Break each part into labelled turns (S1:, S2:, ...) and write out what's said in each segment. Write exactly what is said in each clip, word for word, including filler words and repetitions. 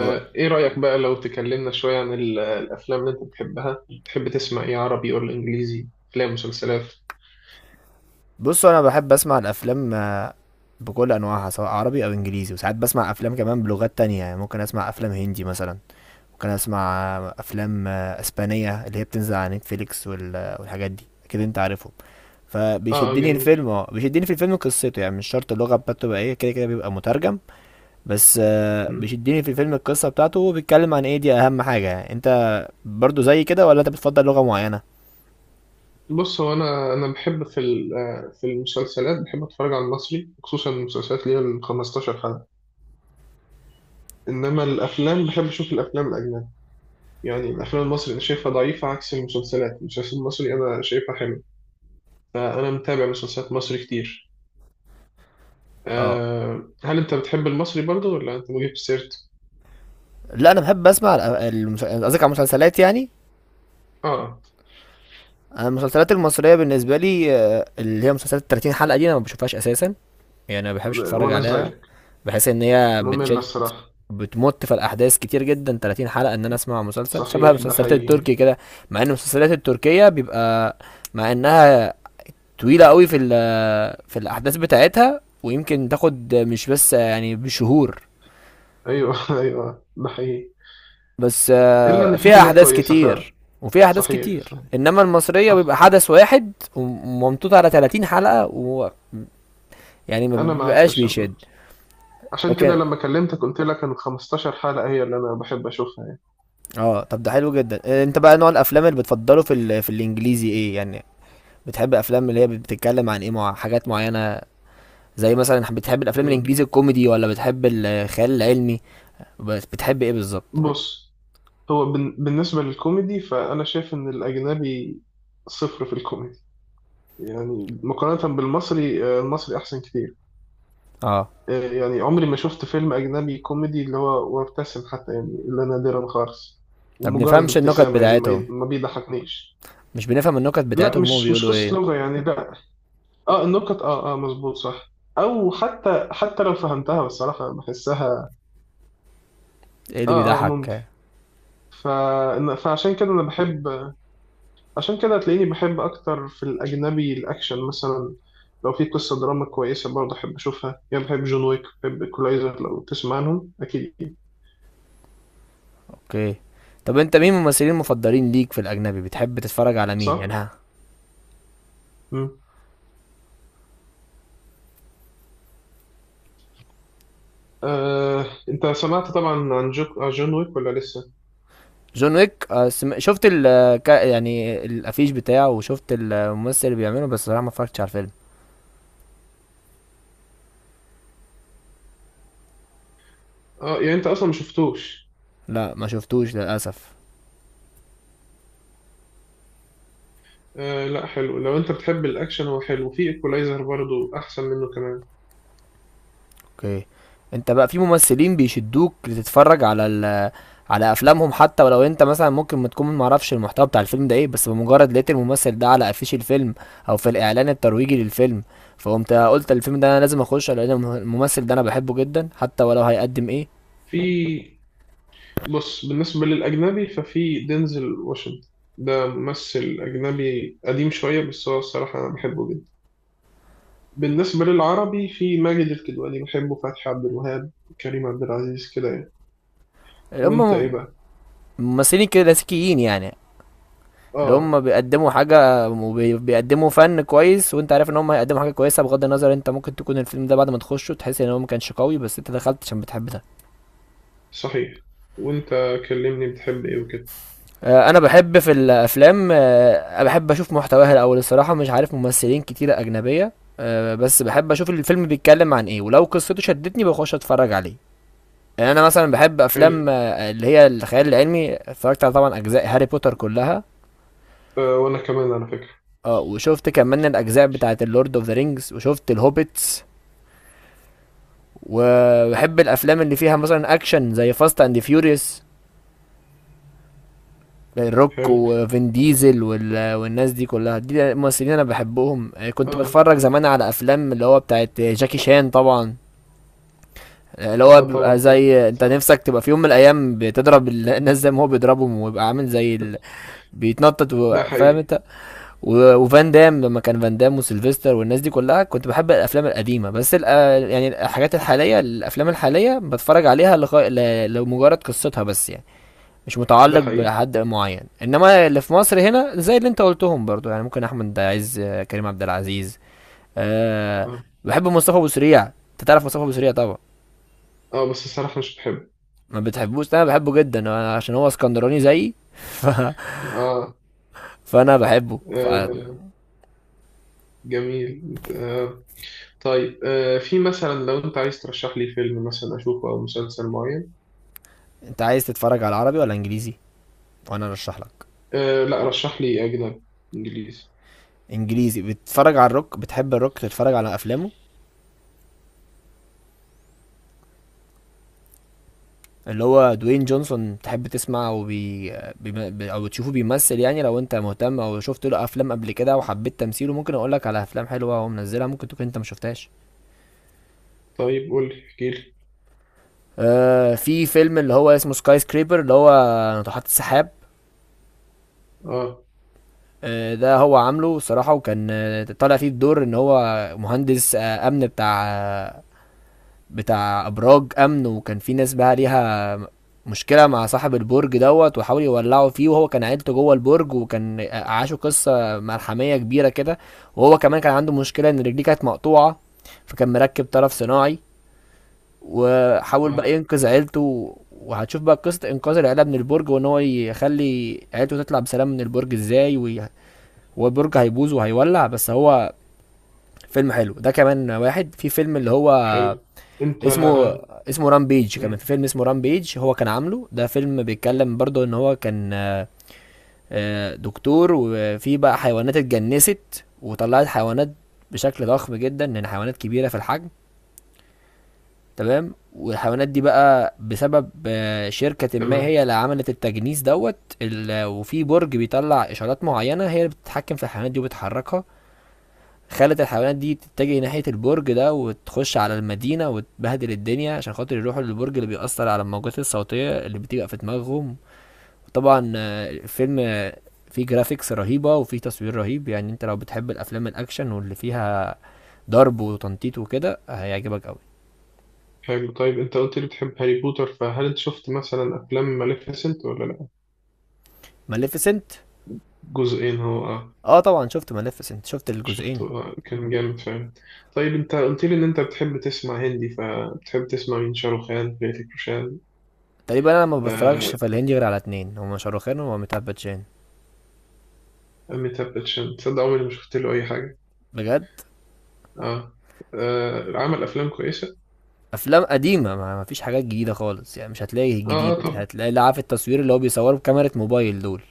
S1: و-
S2: ايه رأيك بقى لو تكلمنا شوية عن ال- الافلام اللي انت بتحبها. تحب تسمع ايه، عربي ولا انجليزي؟ افلام مسلسلات؟
S1: بصوا، انا بحب اسمع الافلام آه، بكل انواعها سواء عربي او انجليزي. وساعات بسمع افلام كمان بلغات تانية، يعني ممكن اسمع افلام هندي مثلا، ممكن اسمع آه، افلام آه، اسبانية اللي هي بتنزل على نتفليكس وال- آه، والحاجات دي اكيد انت عارفهم.
S2: اه آه،
S1: فبيشدني
S2: جميل.
S1: الفيلم اه بيشدني في الفيلم قصته، يعني مش شرط اللغة بتاعته تبقى ايه، كده كده بيبقى مترجم. بس آه،
S2: مم.
S1: بيشدني في الفيلم القصة بتاعته وبيتكلم عن ايه، دي اهم حاجة. يعني انت برضو زي كده ولا انت بتفضل لغة معينة؟
S2: بص، هو انا انا بحب في ال- آه، في المسلسلات بحب اتفرج على المصري، خصوصا المسلسلات اللي هي ال خمستاشر حلقة. انما الافلام بحب اشوف الافلام الاجنبي. يعني الافلام المصري انا شايفها ضعيفة، عكس المسلسلات، المسلسل المصري انا شايفها حلو. فانا متابع مسلسلات مصري كتير.
S1: اه،
S2: آه، هل انت بتحب المصري برضه ولا انت مجيب سيرت؟
S1: لا، انا بحب اسمع الأ- المس- قصدك على المسلسلات يعني.
S2: اه.
S1: انا المسلسلات المصريه بالنسبه لي آه، اللي هي مسلسلات ثلاثين حلقة حلقه دي انا ما بشوفهاش اساسا، يعني ما بحبش اتفرج
S2: وانا
S1: عليها.
S2: زيك.
S1: بحس ان هي
S2: مملة
S1: بتشد،
S2: الصراحة.
S1: بتمط في الاحداث كتير جدا. ثلاثين حلقة حلقه ان انا اسمع مسلسل شبه
S2: صحيح، ده
S1: المسلسلات
S2: حقيقي.
S1: التركي كده. مع ان المسلسلات التركيه بيبقى، مع انها طويله قوي في ال- في الاحداث بتاعتها، ويمكن تاخد مش بس يعني بشهور،
S2: أيوه أيوه ده حقيقي.
S1: بس
S2: إلا
S1: آه،
S2: إن في
S1: فيها
S2: حاجات
S1: احداث
S2: كويسة فعلا.
S1: كتير. وفيها احداث
S2: صحيح
S1: كتير،
S2: صحيح.
S1: انما المصريه
S2: صح.
S1: بيبقى حدث واحد وممطوط على ثلاثين حلقة حلقه، و يعني ما
S2: أنا معاك.
S1: بيبقاش بيشد.
S2: عشان عشان كده
S1: لكن
S2: لما كلمتك قلت لك إن خمستاشر حلقة هي اللي أنا بحب أشوفها يعني.
S1: اه، طب ده حلو جدا. آه، انت بقى نوع الافلام اللي بتفضله في ال... في الانجليزي ايه يعني؟ بتحب افلام اللي هي بتتكلم عن ايه، مع حاجات معينه، زي مثلا بتحب الافلام
S2: أمم.
S1: الانجليزي الكوميدي ولا بتحب الخيال العلمي؟ بس بتحب ايه بالظبط؟
S2: بص. هو بن... بالنسبة للكوميدي فأنا شايف إن الأجنبي صفر في الكوميدي. يعني مقارنة بالمصري، آه، المصري أحسن كتير.
S1: اه،
S2: يعني عمري ما شفت فيلم أجنبي كوميدي اللي هو وابتسم حتى، يعني إلا نادرا خالص.
S1: ما
S2: ومجرد
S1: بنفهمش النكت
S2: ابتسامة، يعني ما
S1: بتاعتهم
S2: ي- ما بيضحكنيش.
S1: مش بنفهم النكت
S2: لا،
S1: بتاعتهم، هم
S2: مش مش
S1: بيقولوا
S2: قصة
S1: ايه؟
S2: لغة يعني، لا. اه النكت اه اه مظبوط صح. أو حتى حتى لو فهمتها بصراحة بحسها
S1: ايه اللي
S2: اه اه ممكن.
S1: بيضحك؟
S2: ف... فعشان كده أنا بحب، عشان كده هتلاقيني بحب أكتر في الأجنبي الأكشن مثلا. لو في قصة دراما كويسة برضه أحب أشوفها. يعني بحب جون ويك، بحب إيكولايزر، لو تسمع عنهم أكيد،
S1: اوكي. طب انت مين الممثلين المفضلين ليك في الاجنبي؟ بتحب تتفرج على مين يعني؟
S2: صح؟
S1: ها،
S2: آه، انت سمعت طبعا عن جو... عن جون ويك ولا لسه؟
S1: جون ويك، آه، سم... شفت ال آه، كا- يعني الافيش بتاعه، وشفت الممثل اللي بيعمله، بس صراحه ما اتفرجتش على الفيلم.
S2: اه، يعني انت اصلا ما شفتوش.
S1: لا، ما شفتوش للاسف.
S2: آه لا حلو، لو انت بتحب الاكشن هو حلو، في ايكولايزر برضو احسن منه كمان.
S1: اوكي. انت بقى في ممثلين بيشدوك لتتفرج على ال... على افلامهم، حتى ولو انت مثلا ممكن ما تكون ما اعرفش المحتوى بتاع الفيلم ده ايه، بس بمجرد لقيت الممثل ده على افيش الفيلم او في الاعلان الترويجي للفيلم، فقمت قلت الفيلم ده انا لازم اخش لان الم- الممثل ده انا بحبه جدا حتى ولو هيقدم ايه؟
S2: في، بص بالنسبة للاجنبي ففي دينزل واشنطن، ده ممثل اجنبي قديم شوية بس هو الصراحة انا بحبه جدا. بالنسبة للعربي في ماجد الكدواني بحبه، فتحي عبد الوهاب، كريم عبد العزيز كده يعني. وانت
S1: هم
S2: ايه بقى؟
S1: ممثلين كلاسيكيين يعني، اللي
S2: اه.
S1: هم بيقدموا حاجة وبيقدموا فن كويس، وانت عارف ان هم هيقدموا حاجة كويسة بغض النظر. انت ممكن تكون الفيلم ده بعد ما تخشه تحس ان هو ما كانش قوي، بس انت دخلت عشان بتحب ده.
S2: صحيح. وانت كلمني بتحب ايه وكده.
S1: آه، انا بحب في الافلام، آه، بحب اشوف محتواها الاول الصراحة، مش عارف ممثلين كتيرة اجنبية. آه، بس بحب اشوف الفيلم بيتكلم عن ايه، ولو قصته شدتني بخش اتفرج عليه. يعني انا مثلا بحب
S2: حلو.
S1: افلام آه، اللي هي الخيال العلمي، اتفرجت على طبعا اجزاء هاري بوتر كلها،
S2: آه وانا كمان على فكرة.
S1: اه، وشفت كمان الاجزاء بتاعه اللورد اوف ذا رينجز، وشفت الهوبيتس. وبحب الافلام اللي فيها مثلا اكشن زي فاست اند فيوريوس، الروك
S2: حلو.
S1: وفين ديزل وال- والناس دي كلها، دي الممثلين انا بحبهم. آه،
S2: مم.
S1: كنت
S2: اه.
S1: بتفرج زمان على افلام اللي هو بتاعت جاكي شان طبعا، آه، اللي هو
S2: اه
S1: بيبقى
S2: طبعا طبعا
S1: زي انت
S2: صح.
S1: نفسك تبقى في يوم من الايام بتضرب ال- الناس زي ما هو بيضربهم، ويبقى عامل زي ال... بيتنطط و-
S2: ده
S1: فاهم
S2: حقيقي.
S1: انت. و- وفان دام، لما كان فان دام وسيلفستر والناس دي كلها كنت بحب الافلام القديمه. بس الأ... يعني الحاجات الحاليه الافلام الحاليه بتفرج عليها لغ... ل... لمجرد قصتها بس يعني، مش
S2: ده
S1: متعلق
S2: حقيقي.
S1: بحد معين. انما اللي في مصر هنا زي اللي انت قلتهم برضو، يعني ممكن احمد عز، آه، كريم عبد العزيز. أه...
S2: اه
S1: بحب مصطفى ابو سريع، انت تعرف مصطفى ابو سريع طبعا.
S2: اه. بس الصراحة مش بحب.
S1: ما بتحبوش؟ انا بحبه جدا، أنا عشان هو اسكندراني زيي. ف...
S2: اه,
S1: فانا بحبه ف...
S2: آه. جميل آه. طيب، آه في مثلا لو انت عايز ترشح لي فيلم مثلا اشوفه او مسلسل معين؟
S1: انت عايز تتفرج على عربي ولا انجليزي، وانا ارشح لك؟
S2: آه لا، رشح لي اجنبي، انجليزي.
S1: انجليزي. بتتفرج على الروك؟ بتحب الروك تتفرج على افلامه، اللي هو دوين جونسون؟ تحب تسمع او بي... بي... بي... او تشوفه بيمثل يعني، لو انت مهتم او شفت له افلام قبل كده وحبيت تمثيله ممكن اقول لك على افلام حلوه هو منزلها ممكن تكون انت ما شفتهاش.
S2: طيب قول لي، احكي لي.
S1: آه في فيلم اللي هو اسمه سكاي سكريبر، اللي هو ناطحات السحاب.
S2: اه
S1: آه ده هو عامله الصراحه، وكان آه، طالع فيه بدور ان هو مهندس آه امن، بتاع آه بتاع ابراج امن، وكان في ناس بقى ليها مشكله مع صاحب البرج دوت، وحاول يولعوا فيه، وهو كان عيلته جوه البرج، وكان عاشوا قصه ملحميه كبيره كده. وهو كمان كان عنده مشكله ان رجليه كانت مقطوعه، فكان مركب طرف صناعي، وحاول بقى
S2: اه.
S1: ينقذ عيلته. وهتشوف بقى قصه انقاذ العيله من البرج، وان هو يخلي عيلته تطلع بسلام من البرج ازاي، وي... هو البرج هيبوظ وهيولع، بس هو فيلم حلو. ده كمان واحد. في فيلم اللي هو
S2: حلو. انت.
S1: اسمه اسمه رامبيج،
S2: مم،
S1: كمان في فيلم اسمه رامبيج. هو كان عامله، ده فيلم بيتكلم برضه ان هو كان آه، آه، دكتور، وفي بقى حيوانات اتجنست وطلعت حيوانات بشكل ضخم جدا، لان حيوانات كبيره في الحجم، تمام؟ والحيوانات دي بقى بسبب آه، شركة ما
S2: تمام.
S1: هي اللي عملت التجنيس دوت. ال- وفي برج بيطلع إشارات معينة هي اللي بتتحكم في الحيوانات دي وبتحركها، خلت الحيوانات دي تتجه ناحية البرج ده وتخش على المدينة وتبهدل الدنيا عشان خاطر يروحوا للبرج اللي بيأثر على الموجات الصوتية اللي بتبقى في دماغهم. طبعا آه، الفيلم آه، فيه جرافيكس رهيبة وفيه تصوير رهيب. يعني انت لو بتحب الأفلام الأكشن واللي فيها ضرب وتنطيط وكده هيعجبك قوي.
S2: حلو. طيب انت قلت لي بتحب هاري بوتر، فهل انت شفت مثلا افلام ماليفيسنت ولا لا؟
S1: ماليفيسنت؟
S2: جزئين هو اه.
S1: اه، طبعا شفت ماليفيسنت، شفت الجزئين.
S2: شفته آه، كان جامد فعلا. طيب، انت قلت لي ان انت بتحب تسمع هندي، فبتحب تسمع مين؟ شاروخ خان؟ هريتيك روشان؟
S1: تقريبا انا ما
S2: آه،
S1: بتفرجش في الهندي غير على اتنين، هما شاروخان وميتاب باتشان.
S2: أميتاب باتشان، تصدق عمري ما شفت له اي حاجه.
S1: بجد،
S2: اه, آه. عمل افلام كويسه.
S1: افلام قديمه، ما ما فيش حاجات جديده خالص يعني، مش هتلاقي
S2: اه اه
S1: الجديد،
S2: طب
S1: هتلاقي اللي عارف، التصوير اللي هو بيصوره بكاميرا موبايل دول.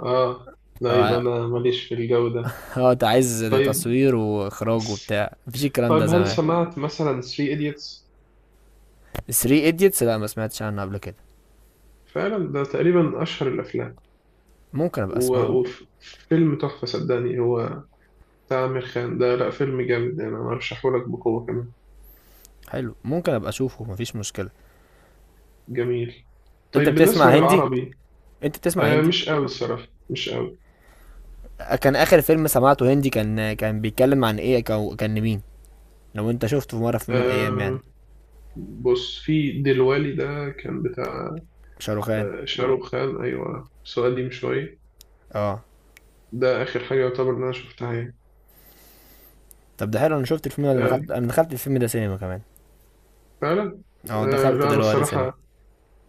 S2: اه، لا يبقى
S1: اه،
S2: انا ماليش في الجو ده.
S1: آه، انت عايز ده
S2: طيب.
S1: تصوير واخراج وبتاع، مفيش الكلام ده
S2: طيب هل
S1: زمان.
S2: سمعت مثلا ثلاثة ايديتس؟
S1: ثلاثة ايديتس؟ لا، ما سمعتش عنه قبل كده،
S2: فعلا ده تقريبا اشهر الافلام.
S1: ممكن ابقى
S2: و-
S1: اسمعه.
S2: وفيلم تحفه صدقني، هو بتاع عامر خان ده، لا فيلم جامد يعني، انا ارشحه لك بقوه كمان.
S1: حلو، ممكن ابقى اشوفه، مفيش مشكله.
S2: جميل.
S1: انت
S2: طيب
S1: بتسمع
S2: بالنسبة
S1: هندي؟
S2: للعربي.
S1: انت بتسمع
S2: آه
S1: هندي
S2: مش قوي الصراحة، مش قوي.
S1: كان اخر فيلم سمعته هندي كان، كان بيتكلم عن ايه؟ كان كان مين؟ لو انت شفته في مره في يوم من الايام يعني.
S2: آه بص، في دلوالي ده كان بتاع،
S1: شاروخان؟
S2: آه شاروخ خان أيوة، بس هو قديم شوية.
S1: اه
S2: ده آخر حاجة يعتبر إن أنا شفتها يعني.
S1: طب ده حلو، انا شفت الفيلم ده، انا
S2: آه.
S1: دخلت انا دخلت الفيلم ده سينما كمان.
S2: فعلا.
S1: اه،
S2: آه
S1: دخلت
S2: لا أنا
S1: دلوقتي سينما.
S2: الصراحة،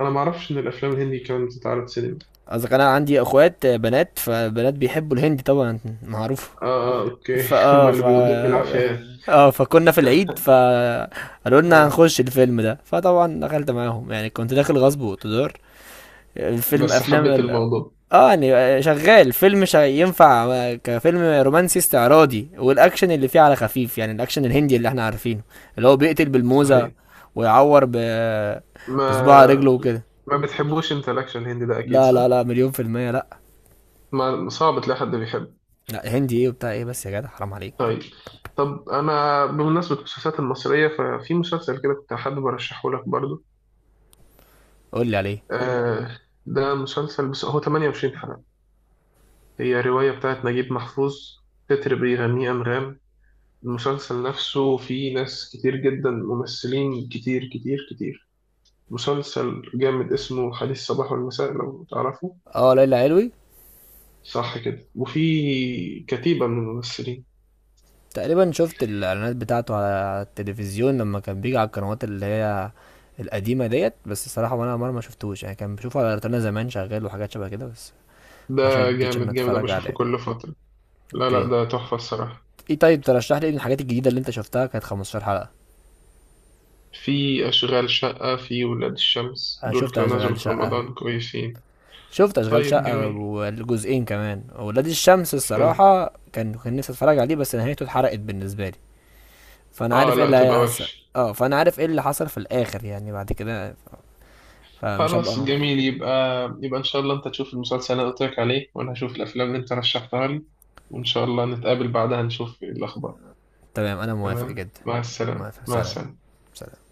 S2: أنا معرفش إن الأفلام الهندي كانت بتتعرض سينما.
S1: قصدك انا عندي اخوات بنات، فبنات بيحبوا الهندي طبعا، معروف.
S2: آه آه أوكي هما
S1: فاه
S2: اللي
S1: ف
S2: بيودوك بالعافية يعني.
S1: اه فكنا في العيد فقالوا لنا
S2: آه.
S1: هنخش الفيلم ده، فطبعا دخلت معاهم يعني، كنت داخل غصب واقتدار. الفيلم
S2: بس
S1: افلام
S2: حبيت
S1: ال...
S2: الموضوع.
S1: اه يعني شغال فيلم، شا... ينفع كفيلم رومانسي استعراضي، والاكشن اللي فيه على خفيف، يعني الاكشن الهندي اللي احنا عارفينه اللي هو بيقتل بالموزة
S2: صحيح.
S1: ويعور ب...
S2: ما
S1: بصباع رجله وكده.
S2: ما بتحبوش أنت الأكشن الهندي ده أكيد،
S1: لا
S2: صح؟
S1: لا لا، مليون في المية لا.
S2: ما صعب تلاقي حد بيحبه.
S1: لا هندي ايه وبتاع ايه، بس يا جدع حرام عليك.
S2: طيب. طب انا بمناسبه المسلسلات المصريه ففي مسلسل كده كنت حابب ارشحه لك برضو.
S1: قول لي عليه.
S2: آه. ده مسلسل بس هو تمنية وعشرين حلقه. هي روايه بتاعت نجيب محفوظ، تتر بيغنيه انغام. المسلسل نفسه فيه ناس كتير جدا، ممثلين كتير كتير كتير. مسلسل جامد، اسمه حديث الصباح والمساء، لو تعرفه.
S1: اه، ليلى علوي.
S2: صح كده، وفي كتيبه من الممثلين.
S1: تقريبا شفت الاعلانات بتاعته على التلفزيون لما كان بيجي على القنوات اللي هي القديمه ديت، بس الصراحه وانا مره ما شفتوش يعني، كان بشوفه على روتانا زمان شغال، وحاجات شبه كده، بس ما
S2: ده
S1: شدتش ان
S2: جامد جامد، انا
S1: اتفرج
S2: بشوفه
S1: عليه.
S2: كل فتره. لا لا
S1: اوكي.
S2: ده تحفه الصراحه.
S1: ايه، طيب ترشح لي ايه من الحاجات الجديده اللي انت شفتها كانت خمستاشر حلقة حلقه؟
S2: في أشغال شقة، في ولاد الشمس،
S1: انا
S2: دول
S1: شفت
S2: كانوا نزلوا
S1: اشغال
S2: في
S1: شقه
S2: رمضان كويسين.
S1: شفت اشغال
S2: طيب
S1: شقه
S2: جميل.
S1: والجزئين كمان. ولاد الشمس
S2: حلو.
S1: الصراحه كان كان نفسي اتفرج عليه بس نهايته اتحرقت بالنسبه لي، فانا
S2: آه
S1: عارف ايه
S2: لا
S1: اللي
S2: تبقى
S1: هيحصل.
S2: وحش.
S1: اه، فانا عارف ايه اللي حصل في الاخر يعني، بعد كده فمش
S2: خلاص
S1: هبقى.
S2: جميل، يبقى يبقى إن شاء الله أنت تشوف المسلسل اللي أنا قلت لك عليه، وأنا هشوف الأفلام اللي أنت رشحتها لي. وإن شاء الله نتقابل بعدها نشوف الأخبار.
S1: تمام، انا موافق
S2: تمام.
S1: جدا.
S2: مع السلامة
S1: موافق،
S2: مع
S1: سلام.
S2: السلامة.
S1: سلام.